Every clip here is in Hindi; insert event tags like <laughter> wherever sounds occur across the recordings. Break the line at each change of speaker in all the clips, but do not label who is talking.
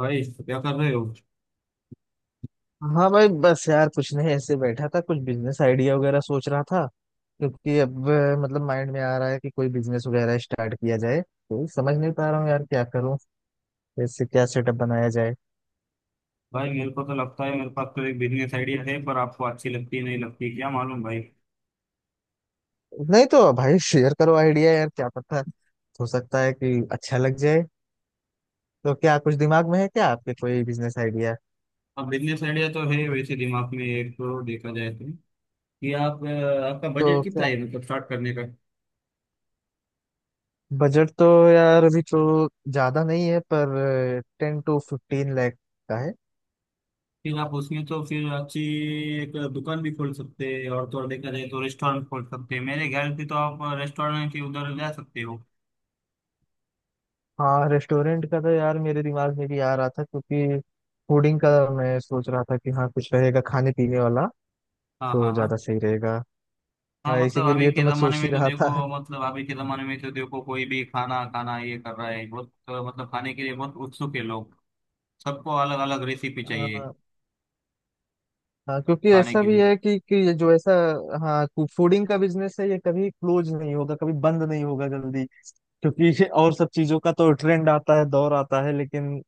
भाई, क्या कर रहे हो?
हाँ भाई बस यार कुछ नहीं ऐसे बैठा था कुछ बिजनेस आइडिया वगैरह सोच रहा था। क्योंकि अब मतलब माइंड में आ रहा है कि कोई बिजनेस वगैरह स्टार्ट किया जाए तो समझ नहीं पा रहा हूँ यार क्या करूँ। कैसे क्या सेटअप बनाया जाए।
भाई, मेरे को तो लगता है मेरे पास तो एक बिजनेस आइडिया है, पर आपको अच्छी लगती है नहीं लगती, क्या मालूम भाई।
नहीं तो भाई शेयर करो आइडिया यार क्या पता। हो सकता है कि अच्छा लग जाए। तो क्या कुछ दिमाग में है क्या आपके कोई बिजनेस आइडिया।
अब बिजनेस आइडिया तो है वैसे दिमाग में, एक तो देखा जाए तो कि आपका
तो
बजट कितना
क्या
है, मतलब स्टार्ट करने का।
बजट तो यार अभी तो ज्यादा नहीं है पर 10 to 15 लाख का है।
फिर आप उसमें तो फिर अच्छी एक दुकान भी खोल सकते हैं, और तो और देखा जाए तो रेस्टोरेंट खोल सकते हैं। मेरे ख्याल से तो आप रेस्टोरेंट के उधर जा सकते हो।
हाँ रेस्टोरेंट का तो यार मेरे दिमाग में भी आ रहा था क्योंकि फूडिंग का मैं सोच रहा था कि हाँ कुछ रहेगा खाने पीने वाला
हाँ
तो
हाँ हाँ।
ज्यादा सही रहेगा।
हाँ मतलब
इसी के
अभी
लिए
के
तो मैं
जमाने
सोच ही
में तो
रहा था।
देखो, मतलब अभी के जमाने में तो देखो कोई भी खाना खाना ये कर रहा है बहुत, मतलब खाने के लिए बहुत उत्सुक है लोग। सबको अलग अलग रेसिपी चाहिए
हाँ। हाँ क्योंकि
खाने
ऐसा
के
भी
लिए।
है कि ये जो ऐसा। हाँ फूडिंग का बिजनेस है ये कभी क्लोज नहीं होगा कभी बंद नहीं होगा जल्दी क्योंकि ये और सब चीजों का तो ट्रेंड आता है दौर आता है लेकिन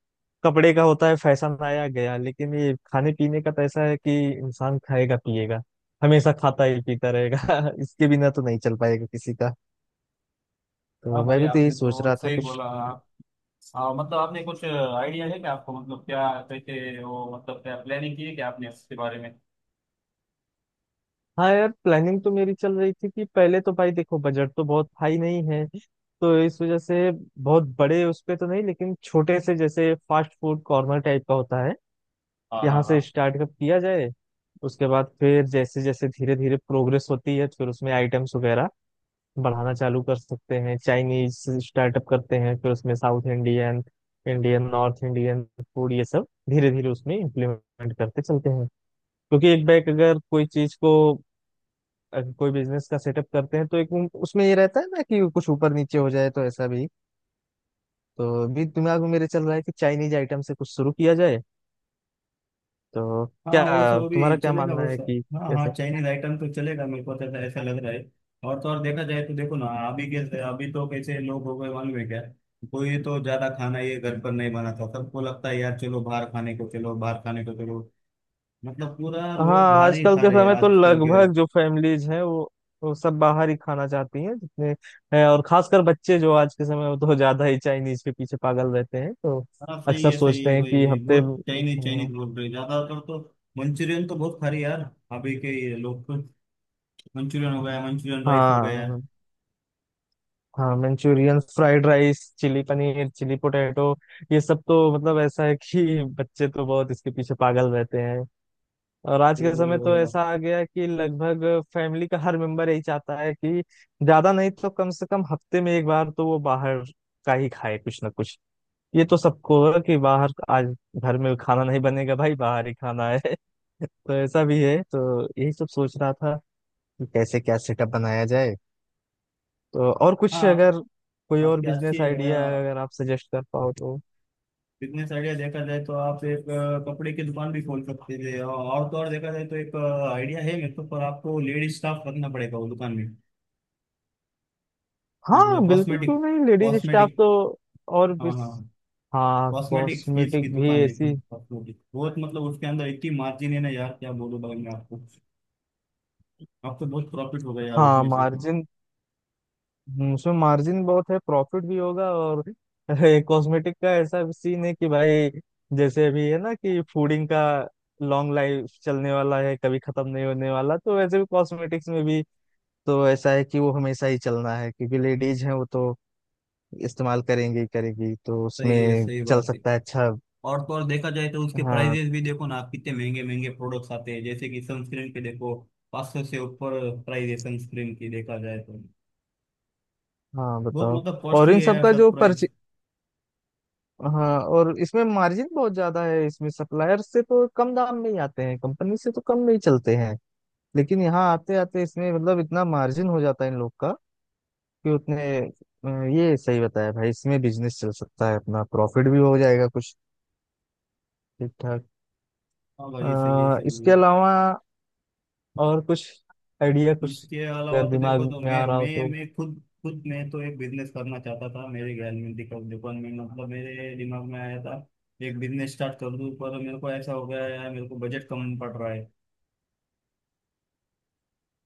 कपड़े का होता है फैशन आया गया लेकिन ये खाने पीने का तो ऐसा है कि इंसान खाएगा पिएगा हमेशा खाता ही पीता रहेगा <laughs> इसके बिना तो नहीं चल पाएगा किसी का।
हाँ
तो मैं
भाई,
भी तो यही
आपने
सोच
तो
रहा था
सही
कुछ।
बोला आप। मतलब आपने कुछ आइडिया है क्या आपको, मतलब क्या कैसे वो, मतलब क्या प्लानिंग की है क्या आपने इसके बारे में?
हाँ यार प्लानिंग तो मेरी चल रही थी कि पहले तो भाई देखो बजट तो बहुत हाई नहीं है तो इस वजह से बहुत बड़े उस पे तो नहीं लेकिन छोटे से जैसे फास्ट फूड कॉर्नर टाइप का होता है
हाँ हाँ
यहाँ से
हाँ।
स्टार्टअप किया जाए। उसके बाद फिर जैसे जैसे धीरे धीरे प्रोग्रेस होती है फिर उसमें आइटम्स वगैरह बढ़ाना चालू कर सकते हैं। चाइनीज स्टार्टअप करते हैं फिर उसमें south Indian Indian north Indian food ये सब धीरे धीरे उसमें इम्प्लीमेंट करते चलते हैं। क्योंकि एक बैग अगर कोई बिजनेस का सेटअप करते हैं तो एक उसमें ये रहता है ना कि कुछ ऊपर नीचे हो जाए तो ऐसा भी। तो अभी दिमाग में मेरे चल रहा है कि चाइनीज आइटम से कुछ शुरू किया जाए। तो
हाँ वैसे
क्या
वो भी
तुम्हारा क्या
चलेगा
मानना है
वैसे।
कि
हाँ
कैसा।
हाँ, चाइनीज आइटम तो चलेगा, मेरे को तो ऐसा ऐसा लग रहा है। और तो और देखा जाए तो देखो ना, अभी कैसे, अभी तो कैसे लोग हो गए, मालूम है क्या? कोई तो ज्यादा खाना ये घर पर नहीं बनाता, सबको लगता है यार चलो बाहर खाने को, चलो बाहर खाने को चलो। मतलब पूरा
हाँ
लोग बाहर ही
आजकल
खा
के
रहे हैं
समय तो
आजकल के।
लगभग जो फैमिलीज हैं वो सब बाहर ही खाना चाहती हैं जितने हैं। और खासकर बच्चे जो आज के समय में तो ज्यादा ही चाइनीज के पीछे पागल रहते हैं तो
हाँ
अक्सर
सही है
सोचते हैं कि
भाई,
हफ्ते
बहुत चाइनीज चाइनीज
में-।
बोल रहे हैं। ज्यादातर तो मंचूरियन तो बहुत खा रहे यार, अभी के ये लोग तो मंचूरियन हो गया मंचूरियन राइस हो गया।
हाँ हाँ। Manchurian fried rice chilli paneer chilli potato ये सब तो मतलब ऐसा है कि बच्चे तो बहुत इसके पीछे पागल रहते हैं। और आज
सही
के
बोले
समय तो
वही आप।
ऐसा आ गया है कि लगभग फैमिली का हर मेंबर यही चाहता है कि ज्यादा नहीं तो कम से कम हफ्ते में एक बार तो वो बाहर का ही खाए कुछ ना कुछ। ये तो सबको है कि बाहर आज घर में खाना नहीं बनेगा भाई बाहर ही खाना है <laughs> तो ऐसा भी है तो यही सब सोच रहा था कि कैसे क्या सेटअप बनाया जाए। तो और
हाँ।
कुछ
आप
अगर कोई और
आपकी अच्छी
बिजनेस आइडिया है अगर आप सजेस्ट कर पाओ तो।
बिजनेस आइडिया देखा जाए तो, आप एक कपड़े की दुकान भी खोल सकते थे, और तो और देखा जाए तो एक आइडिया है मेरे को, पर आपको लेडीज स्टाफ रखना पड़ेगा वो दुकान में।
हाँ बिल्कुल
कॉस्मेटिक,
क्यों नहीं। Ladies staff
cosmetic.
तो। और
हाँ
बिस
हाँ।
हाँ
कॉस्मेटिक चीज की
कॉस्मेटिक भी
दुकान है,
ऐसी।
कॉस्मेटिक बहुत मतलब उसके अंदर इतनी मार्जिन है ना यार, क्या बोलूं भाई मैं आपको। अब तो बहुत प्रॉफिट हो गया यार
हाँ
उसमें से।
मार्जिन। उसमें मार्जिन बहुत है प्रॉफिट भी होगा और <laughs> कॉस्मेटिक का ऐसा सीन है कि भाई जैसे अभी है ना कि फूडिंग का लॉन्ग लाइफ चलने वाला है कभी खत्म नहीं होने वाला तो वैसे भी कॉस्मेटिक्स में भी तो ऐसा है कि वो हमेशा ही चलना है क्योंकि लेडीज हैं वो तो इस्तेमाल करेंगे ही करेंगे तो
सही है,
उसमें
सही
चल
बात है।
सकता है अच्छा।
और तो और देखा जाए तो उसके
हाँ
प्राइजेस भी देखो ना कितने महंगे महंगे प्रोडक्ट्स आते हैं, जैसे कि सनस्क्रीन के देखो 500 से ऊपर प्राइस है सनस्क्रीन की देखा जाए तो।
हाँ
बहुत
बताओ।
मतलब
और
कॉस्टली
इन
है
सब
यार
का
सब
जो
प्राइस।
परचे। हाँ और इसमें मार्जिन बहुत ज्यादा है इसमें सप्लायर से तो कम दाम में ही आते हैं कंपनी से तो कम में ही चलते हैं लेकिन यहाँ आते आते इसमें मतलब इतना मार्जिन हो जाता है इन लोग का कि उतने ये सही बताया भाई इसमें बिजनेस चल सकता है अपना प्रॉफिट भी हो जाएगा कुछ ठीक ठाक।
हाँ भाई, सही है सही है।
इसके अलावा और कुछ आइडिया कुछ
उसके अलावा
अगर
तो
दिमाग
देखो, तो
में आ
मैं
रहा हो
मैं
तो।
मैं खुद खुद मैं तो एक बिजनेस करना चाहता था मेरे ख्याल में, दिखा दुकान में मतलब मेरे दिमाग में आया था, एक बिजनेस स्टार्ट कर दूं, पर मेरे को ऐसा हो गया यार, मेरे को बजट कम पड़ रहा है।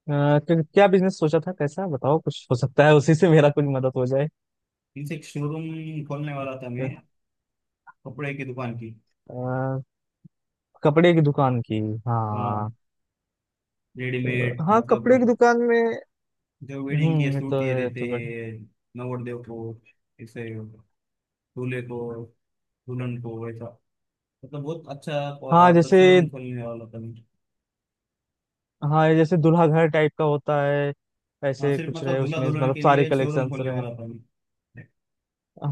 अ, क्या बिजनेस सोचा था कैसा बताओ कुछ हो सकता है उसी से मेरा कुछ मदद हो जाए।
इनसे एक शोरूम खोलने वाला था मैं, कपड़े की दुकान की।
अ, कपड़े की दुकान की।
हाँ,
हाँ।
रेडीमेड
हाँ कपड़े की
मतलब
दुकान में।
जो वेडिंग के
ये
सूट
तो
ये
है ये
रहते
तो बट।
हैं, नवरदेव को ऐसे, दूल्हे को, दुल्हन को ऐसा, मतलब बहुत अच्छा
हाँ
मतलब
जैसे
शोरूम खोलने वाला था मैं।
हाँ जैसे दूल्हा घर टाइप का होता है
हाँ,
ऐसे
सिर्फ
कुछ
मतलब
रहे
दूल्हा
उसमें
दुल्हन
मतलब
के
सारे
लिए शोरूम
कलेक्शंस
खोलने
रहे।
वाला था मैं।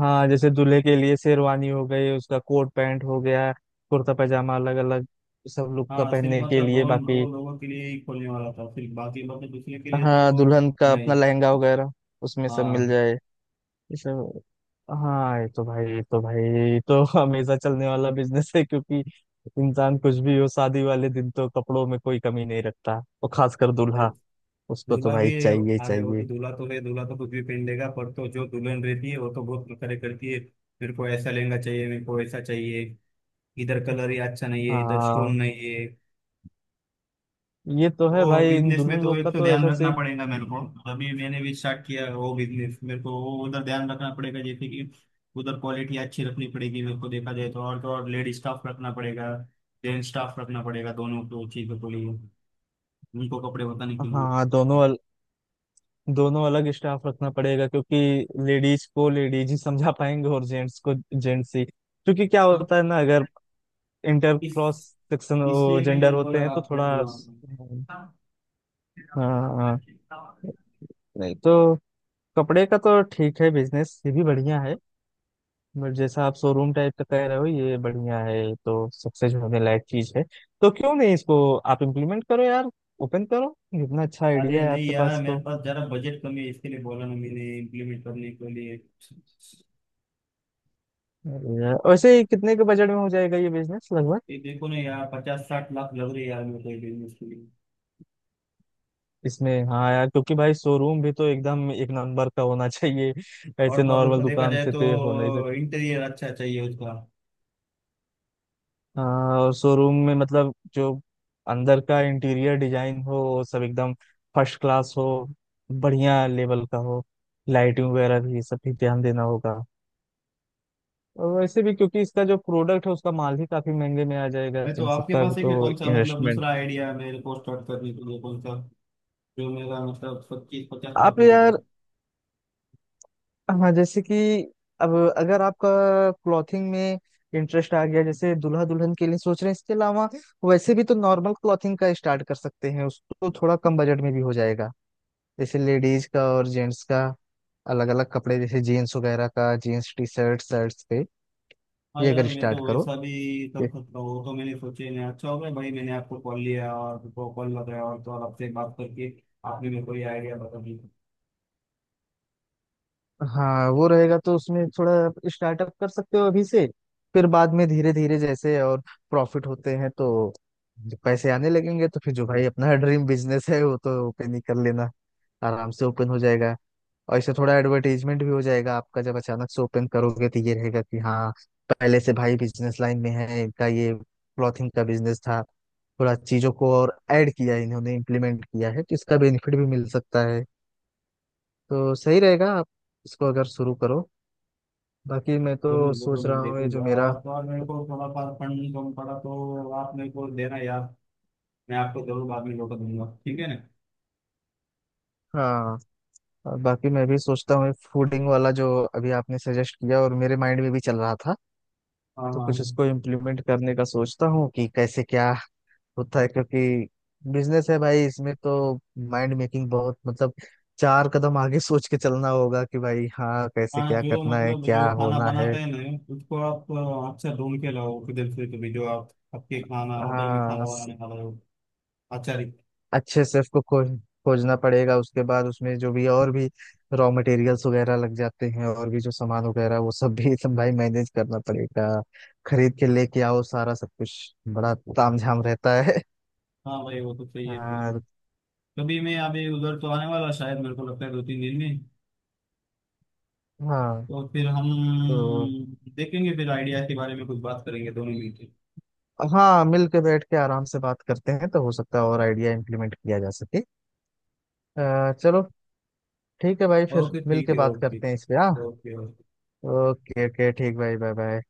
हाँ जैसे दूल्हे के लिए शेरवानी हो गई उसका कोट पैंट हो गया कुर्ता पैजामा अलग अलग सब लोग का
हाँ, सिर्फ
पहनने के
मतलब दो
लिए
दो
बाकी।
लोगों के लिए ही खोलने वाला था सिर्फ, बाकी मतलब दूसरे के लिए तो
हाँ दुल्हन का अपना
नहीं।
लहंगा वगैरह उसमें सब मिल
हाँ
जाए ये सब। हाँ ये तो <laughs> हमेशा चलने वाला बिजनेस है क्योंकि इंसान कुछ भी हो शादी वाले दिन तो कपड़ों में कोई कमी नहीं रखता और खासकर दूल्हा उसको तो
दूल्हा
भाई
भी।
चाहिए ही
अरे वो तो
चाहिए।
दूल्हा तो है, दूल्हा तो कुछ भी पहन लेगा, पर तो जो दुल्हन रहती है वो तो बहुत करे करती है। मेरे को ऐसा लहंगा चाहिए, मेरे को ऐसा चाहिए, इधर कलर ही अच्छा नहीं है, इधर स्टोन
हाँ
नहीं है।
ये तो है
और
भाई इन
बिजनेस में
दुल्हन
तो
लोग का
एक तो
तो
ध्यान
ऐसा
रखना
से।
पड़ेगा मेरे को। अभी मैंने भी स्टार्ट किया है वो बिजनेस, मेरे को वो उधर ध्यान रखना पड़ेगा, जैसे कि उधर क्वालिटी अच्छी रखनी पड़ेगी मेरे को देखा जाए तो, और तो और लेडी स्टाफ रखना पड़ेगा, जेंट्स स्टाफ रखना पड़ेगा, दोनों को चीजों के लिए उनको कपड़े बताने के लिए।
हाँ दोनों अलग स्टाफ रखना पड़ेगा क्योंकि लेडीज को लेडीज ही समझा पाएंगे और जेंट्स को जेंट्स ही। क्योंकि क्या
हाँ।
होता है ना अगर इंटर
इस
क्रॉस सेक्शन
इसलिए मैंने
जेंडर होते
बोला
हैं तो
आपको।
थोड़ा।
हाँ।
हाँ हाँ। नहीं तो कपड़े का तो ठीक है बिजनेस ये भी बढ़िया है। बट जैसा आप शोरूम टाइप का कह रहे हो ये बढ़िया है तो सक्सेस होने लायक चीज है। तो क्यों नहीं इसको आप इम्प्लीमेंट करो यार। ओपन करो। इतना अच्छा
अरे
आइडिया है
नहीं
आपके
यार,
पास
मेरे
तो।
पास जरा बजट कमी है, इसके लिए बोला ना मैंने इम्प्लीमेंट करने के लिए।
अरे यार, वैसे ये कितने के बजट में हो जाएगा ये बिजनेस लगभग।
ये देखो ना यार, 50-60 लाख लग रही है यार मेरे को ये बिजनेस के लिए,
इसमें हाँ यार क्योंकि भाई शोरूम भी तो एकदम एक नंबर का होना चाहिए। ऐसे
और तो और उसको
नॉर्मल
देखा
दुकान
जाए
से तो ये हो नहीं।
तो इंटीरियर अच्छा चाहिए उसका।
हाँ और शोरूम में मतलब जो अंदर का इंटीरियर डिजाइन हो वो सब एकदम फर्स्ट क्लास हो बढ़िया लेवल का हो लाइटिंग वगैरह भी ये सब भी ध्यान देना होगा। और वैसे भी क्योंकि इसका जो प्रोडक्ट है उसका माल ही काफी महंगे में आ जाएगा
है तो
जिन
आपके
सबका भी
पास है
तो
क्या कौन सा मतलब
इन्वेस्टमेंट।
दूसरा आइडिया मेरे को स्टार्ट करने के लिए, कौन सा जो मेरा मतलब पच्चीस पचास
आप
लाख में
यार।
होगा?
हाँ जैसे कि अब अगर आपका क्लॉथिंग में इंटरेस्ट आ गया जैसे दुल्हा दुल्हन के लिए सोच रहे हैं इसके अलावा वैसे भी तो नॉर्मल क्लॉथिंग का स्टार्ट कर सकते हैं उसको थोड़ा कम बजट में भी हो जाएगा। जैसे लेडीज का और जेंट्स का अलग अलग कपड़े जैसे जीन्स वगैरह का जीन्स टी शर्ट शर्ट्स पे
हाँ
ये
यार,
अगर
मैं तो
स्टार्ट करो।
वैसा भी कर सकता हूँ वो तो, मैंने सोचे नहीं। अच्छा हो गया भाई मैंने आपको कॉल लिया और आपको कॉल लगाया, और तो और आपसे बात करके आपने मेरे को ये आइडिया बता दी।
हाँ वो रहेगा तो उसमें थोड़ा स्टार्टअप कर सकते हो अभी से। फिर बाद में धीरे धीरे जैसे और प्रॉफिट होते हैं तो पैसे आने लगेंगे तो फिर जो भाई अपना ड्रीम बिजनेस है वो तो ओपन ही कर लेना। आराम से ओपन हो जाएगा। और इससे थोड़ा एडवर्टाइजमेंट भी हो जाएगा आपका जब अचानक से ओपन करोगे तो ये रहेगा कि हाँ पहले से भाई बिजनेस लाइन में है इनका ये क्लॉथिंग का बिजनेस था थोड़ा चीजों को और ऐड किया है इन्होंने इम्प्लीमेंट किया है तो इसका बेनिफिट भी मिल सकता है। तो सही रहेगा आप इसको अगर शुरू करो। बाकी मैं तो
जरूर जरूर
सोच
मैं
रहा हूँ ये
देखूंगा,
जो मेरा।
और तो और मेरे को थोड़ा पास फंड कम पड़ा तो आप मेरे को देना यार, मैं आपको जरूर बाद में लौटा दूंगा, ठीक है ना?
हाँ और बाकी मैं भी सोचता हूँ फूडिंग वाला जो अभी आपने सजेस्ट किया और मेरे माइंड में भी चल रहा था।
हाँ
तो कुछ इसको
हाँ
इम्प्लीमेंट करने का सोचता हूँ कि कैसे क्या होता है क्योंकि बिजनेस है भाई इसमें तो माइंड मेकिंग बहुत मतलब चार कदम आगे सोच के चलना होगा कि भाई हाँ कैसे
हाँ। हाँ,
क्या
जो
करना है
मतलब
क्या
जो खाना
होना है।
बनाते हैं ना उसको आप अच्छा ढूंढ के लाओ किधर से तो भी, जो आप आपके खाना, होटल में
हाँ
खाना बनाने वाला हो अच्छा।
अच्छे से उसको खोजना पड़ेगा। उसके बाद उसमें जो भी और भी रॉ मटेरियल्स वगैरह लग जाते हैं और भी जो सामान वगैरह वो सब भी <laughs> सब भाई मैनेज करना पड़ेगा। खरीद के लेके आओ सारा सब कुछ बड़ा तामझाम रहता है।
हाँ भाई वो तो सही है सही है।
और
कभी मैं अभी उधर तो आने वाला शायद, मेरे को लगता है 2-3 दिन में,
हाँ
तो फिर हम
तो।
देखेंगे, फिर आइडिया के बारे में कुछ बात करेंगे दोनों मिलकर।
हाँ मिल के बैठ के आराम से बात करते हैं तो हो सकता है और आइडिया इम्प्लीमेंट किया जा सके। चलो ठीक है भाई फिर
ओके
मिल
ठीक
के
है
बात
ओके।
करते हैं इस पे हाँ।
Okay okay.
ओके ओके ठीक भाई बाय बाय।